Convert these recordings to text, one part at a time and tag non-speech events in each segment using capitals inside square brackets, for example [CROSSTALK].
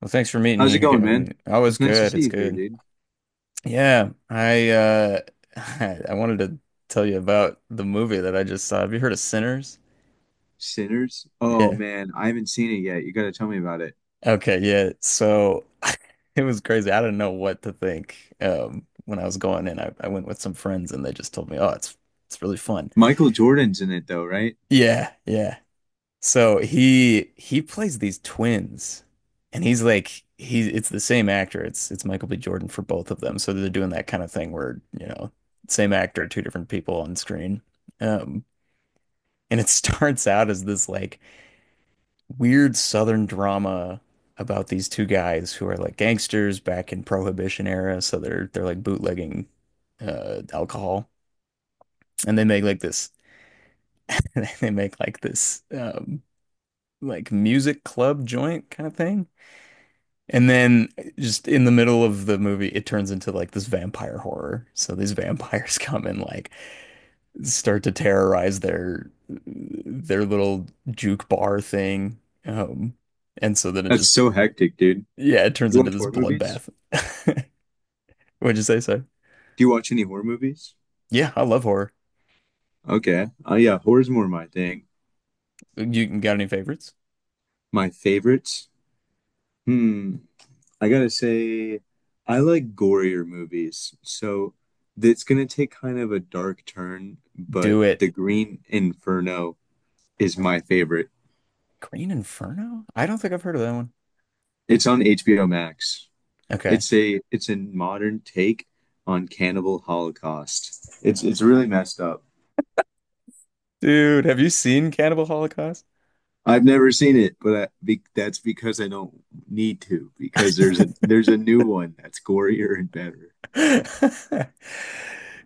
Well, thanks for meeting How's it here, going, man? Gavin. Oh, it's It's nice to good. see It's you here, good. dude. Yeah, I [LAUGHS] I wanted to tell you about the movie that I just saw. Have you heard of Sinners? Sinners? Oh Yeah. man, I haven't seen it yet. You gotta tell me about it. Okay, yeah. So [LAUGHS] it was crazy. I didn't know what to think. When I was going in, I went with some friends and they just told me, "Oh, it's really fun." Michael Jordan's in it though, right? Yeah, yeah. So he plays these twins, and he's like he it's the same actor. It's Michael B. Jordan for both of them. So they're doing that kind of thing where, you know, same actor, two different people on screen. Um, and it [LAUGHS] starts out as this like weird Southern drama about these two guys who are like gangsters back in Prohibition era. So they're like bootlegging alcohol. And they make like this [LAUGHS] they make like this like music club joint kind of thing. And then just in the middle of the movie, it turns into like this vampire horror. So these [LAUGHS] vampires come and like start to terrorize their little juke bar thing. Um, and so then it That's just, so hectic, dude. yeah, it turns You into watch this horror movies? bloodbath. [LAUGHS] What'd you say, sir? Do you watch any horror movies? Yeah, I love horror. Okay. Oh yeah, horror's more my thing. You got any favorites? My favorites? Hmm. I gotta say, I like gorier movies. So it's gonna take kind of a dark turn, but Do it. The Green Inferno is my favorite. Green Inferno? I don't think I've heard of that one. It's on HBO Max. Okay. It's a modern take on Cannibal Holocaust. It's really messed up. Dude, have you seen Cannibal Holocaust? I've never seen it, but that's because I don't need to because there's a new one that's gorier and better. [LAUGHS]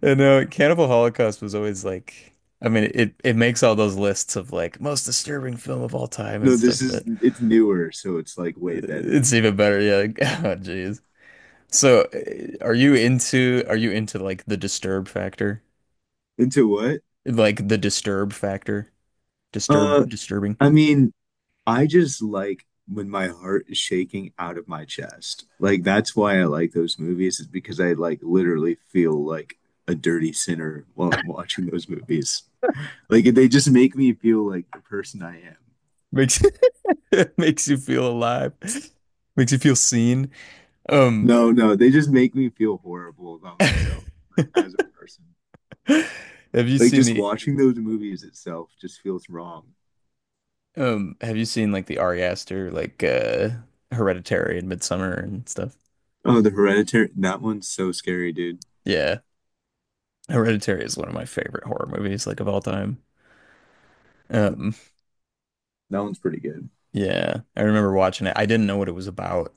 And no, Cannibal Holocaust was always like, I mean, it makes all those lists of like most disturbing film of all time and No, this stuff, is but it's newer, so it's like way better. it's even better. Yeah, like, [LAUGHS] oh, jeez. So, are you into like the disturb factor? Into what? Like the disturb factor? Disturb Uh, disturbing I mean, I just like when my heart is shaking out of my chest. Like that's why I like those movies is because I like literally feel like a dirty sinner while I'm watching those movies. Like they just make me feel like the person I am. makes [LAUGHS] makes you feel alive, makes you feel seen. Um, [LAUGHS] No, no, they just make me feel horrible about myself, like as a person. have you Like seen just the? watching those movies itself just feels wrong. Have you seen like the Ari Aster, like Hereditary and Midsummer and stuff? Oh, the Hereditary, that one's so scary, dude. Yeah. Hereditary is one of my favorite horror movies, like of all time. Um, That one's pretty good. yeah. I remember watching it. I didn't know what it was about,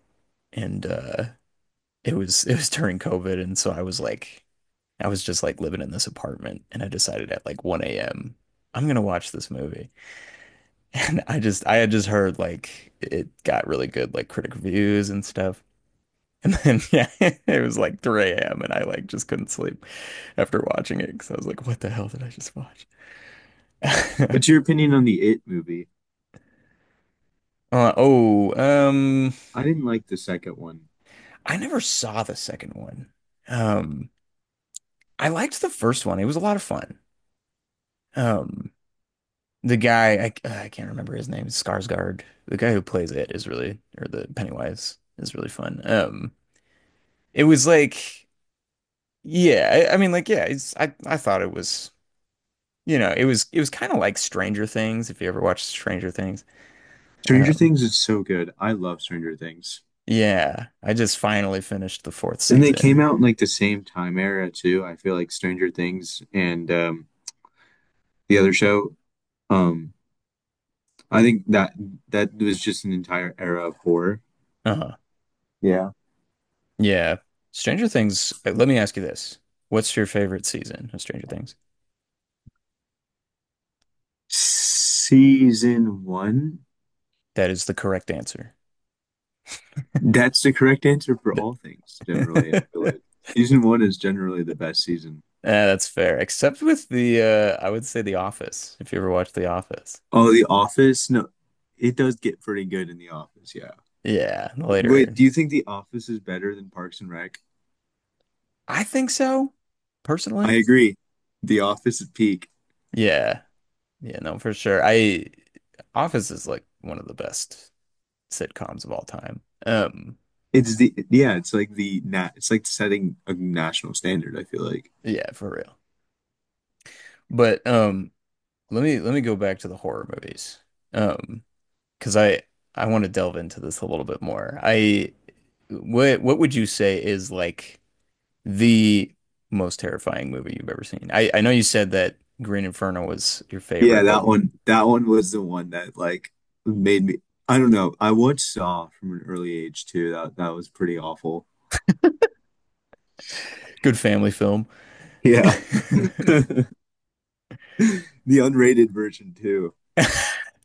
and it was during COVID, and so I was like I was just like living in this apartment and I decided at like 1 a.m. I'm gonna watch this movie. [LAUGHS] And I had just heard like it got really good like critic reviews and stuff. And then [LAUGHS] yeah, it was like 3 a.m. and I like just couldn't sleep after watching it because I was like, what the hell did I just watch? [LAUGHS] What's your opinion on the It movie? Uh, oh, um, I didn't like the second one. I never saw the second one. Um, I liked the first one. It was a lot of fun. Um, the guy, I can't remember his name, Skarsgård. The guy who plays it is really, or the Pennywise is really fun. It was like, yeah, I mean, like, yeah, I thought it was. It was kind of like Stranger Things, if you ever watched Stranger Things. Stranger Um, Things is so good. I love Stranger Things. yeah, I just finally finished the fourth And they came season. out in like the same time era too. I feel like Stranger Things and the other show, um, I think that was just an entire era of horror. Uh-huh. Yeah. Yeah. Stranger Things, let me ask you this. What's your favorite season of Stranger Things? Season one, That is the correct answer. that's the correct answer for Th- all things, generally. I feel [LAUGHS] like season one is generally the best season. Yeah, that's fair. Except with the I would say The Office, if you ever watched The Office. Oh, The Office? No, it does get pretty good in The Office, yeah. Yeah, the Wait, later. do you think The Office is better than Parks and Rec? I think so, I personally. agree. The Office is peak. Yeah. Yeah, no, for sure. I Office is like one of the best sitcoms of all time. It's the, yeah, it's like the nat it's like setting a national standard, I feel like. Yeah, for real. But let me go back to the horror movies. Um, because I want to delve into this a little bit more. I what would you say is like the most terrifying movie you've ever seen? I know you said that Green Inferno was your Yeah, favorite, but that one was the one that like made me, I don't know. I watched Saw from an early age too. That was pretty awful. good family film. Yeah. [LAUGHS] [LAUGHS] The unrated version too.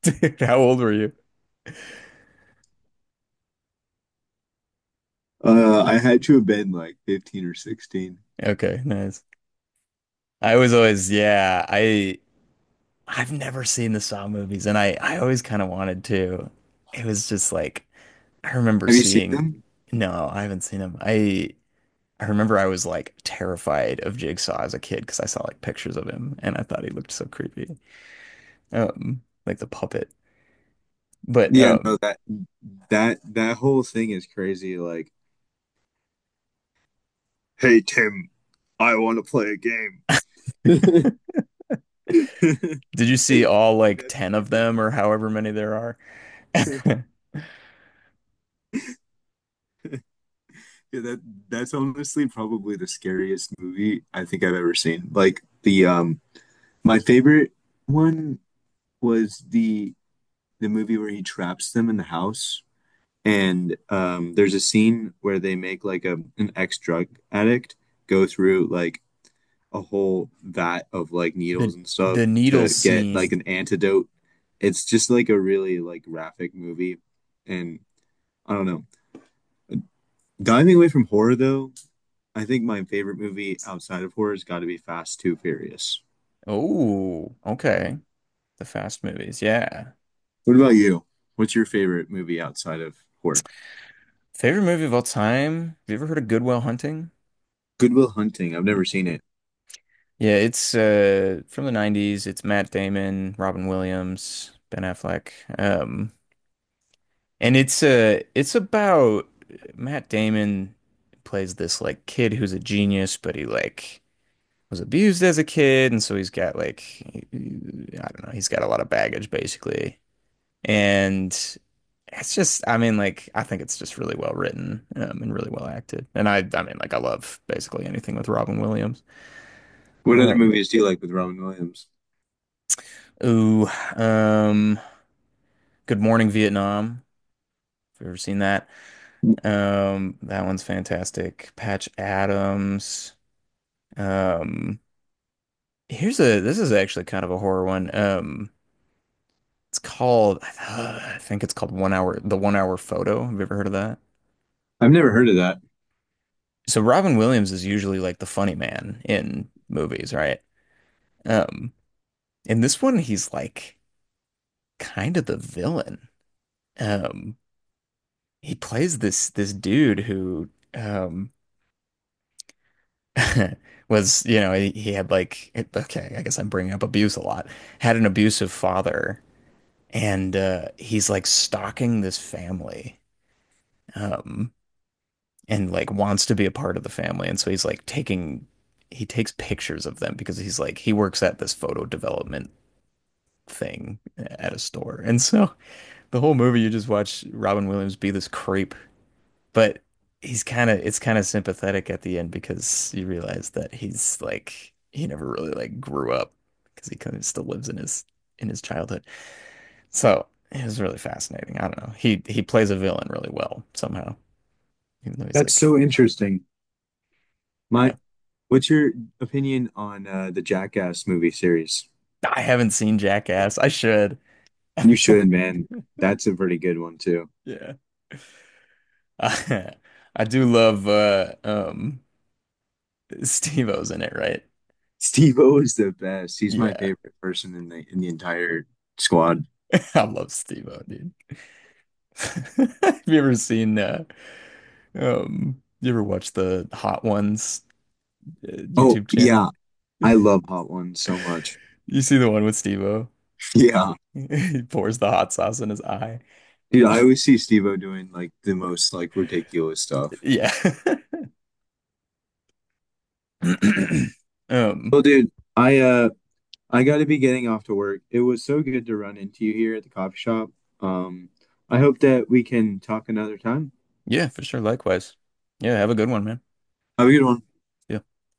Dude, how old were you? I had to have been like 15 or 16. Okay, nice. I was always, yeah, I've never seen the Saw movies, and I always kind of wanted to. It was just like I remember Have you seen seeing. them? No, I haven't seen him. I remember I was like terrified of Jigsaw as a kid because I saw like pictures of him and I thought he looked so creepy, like the puppet. But Yeah, no, that whole thing is crazy. Like, hey Tim, I want to play a game. [LAUGHS] did you see Like, all like that's ten of crazy. them or however many there are? [LAUGHS] [LAUGHS] Yeah, that's honestly probably the scariest movie I think I've ever seen. Like the my favorite one was the movie where he traps them in the house and there's a scene where they make like a, an ex-drug addict go through like a whole vat of like The needles and stuff the needle to get like scene. an antidote. It's just like a really like graphic movie and I don't know. Diving away from horror though, I think my favorite movie outside of horror's got to be Fast Two Furious. Oh, okay. The Fast movies, yeah. What about you? What's your favorite movie outside of horror? Favorite movie of all time? Have you ever heard of Good Will Hunting? Goodwill Hunting. I've never seen it. Yeah, it's from the 90s. It's Matt Damon, Robin Williams, Ben Affleck. Um and it's about Matt Damon plays this like kid who's a genius, but he like was abused as a kid and so he's got like I don't know, he's got a lot of baggage basically. And it's just I mean like I think it's just really well written, and really well acted. And I mean like I love basically anything with Robin Williams. What other Um movies do you like with Robin Williams? Ooh, um, Good Morning Vietnam. If you've ever seen that, that one's fantastic. Patch Adams. Um, here's a this is actually kind of a horror one. It's called [SIGHS] I think it's called The One Hour Photo. Have you ever heard of that? I've never heard of that. So Robin Williams is usually like the funny man in movies, right? Um, in this one, he's like kind of the villain. Um, he plays this dude who um [LAUGHS] was, he had like, okay, I guess I'm bringing up abuse a lot. Had an abusive father, and he's like stalking this family, um, and like wants to be a part of the family, and so he takes pictures of them because he works at this photo development thing at a store, and so the whole movie you just watch Robin Williams be this creep, but he's kind of it's kind of sympathetic at the end because you realize that he never really like grew up because he kind of still lives in his childhood. So it was really fascinating. I don't know. He plays a villain really well somehow, even though he's That's like, so interesting. yeah, My, what's your opinion on the Jackass movie series? I haven't seen Jackass. I should. [LAUGHS] You should, man. That's a pretty good one too. Yeah. Uh, I do love Steve-O's in it, right? Steve O is the best. He's my Yeah. favorite person in the entire squad. [LAUGHS] I love Steve-O, dude. [LAUGHS] Have you ever seen you ever watch the Hot Ones Oh YouTube channel? yeah, I love Hot Ones so much. You see the one with Steve-O? [LAUGHS] Yeah. He pours the hot sauce in his eye. Dude, I always [LAUGHS] see Steve-O doing like the most like ridiculous stuff. Yeah. [CLEARS THROAT] Um, Well, dude, I uh I gotta be getting off to work. It was so good to run into you here at the coffee shop. Um, I hope that we can talk another time. yeah, for sure. Likewise. Yeah, have a good one, man. Have a good one. See ya.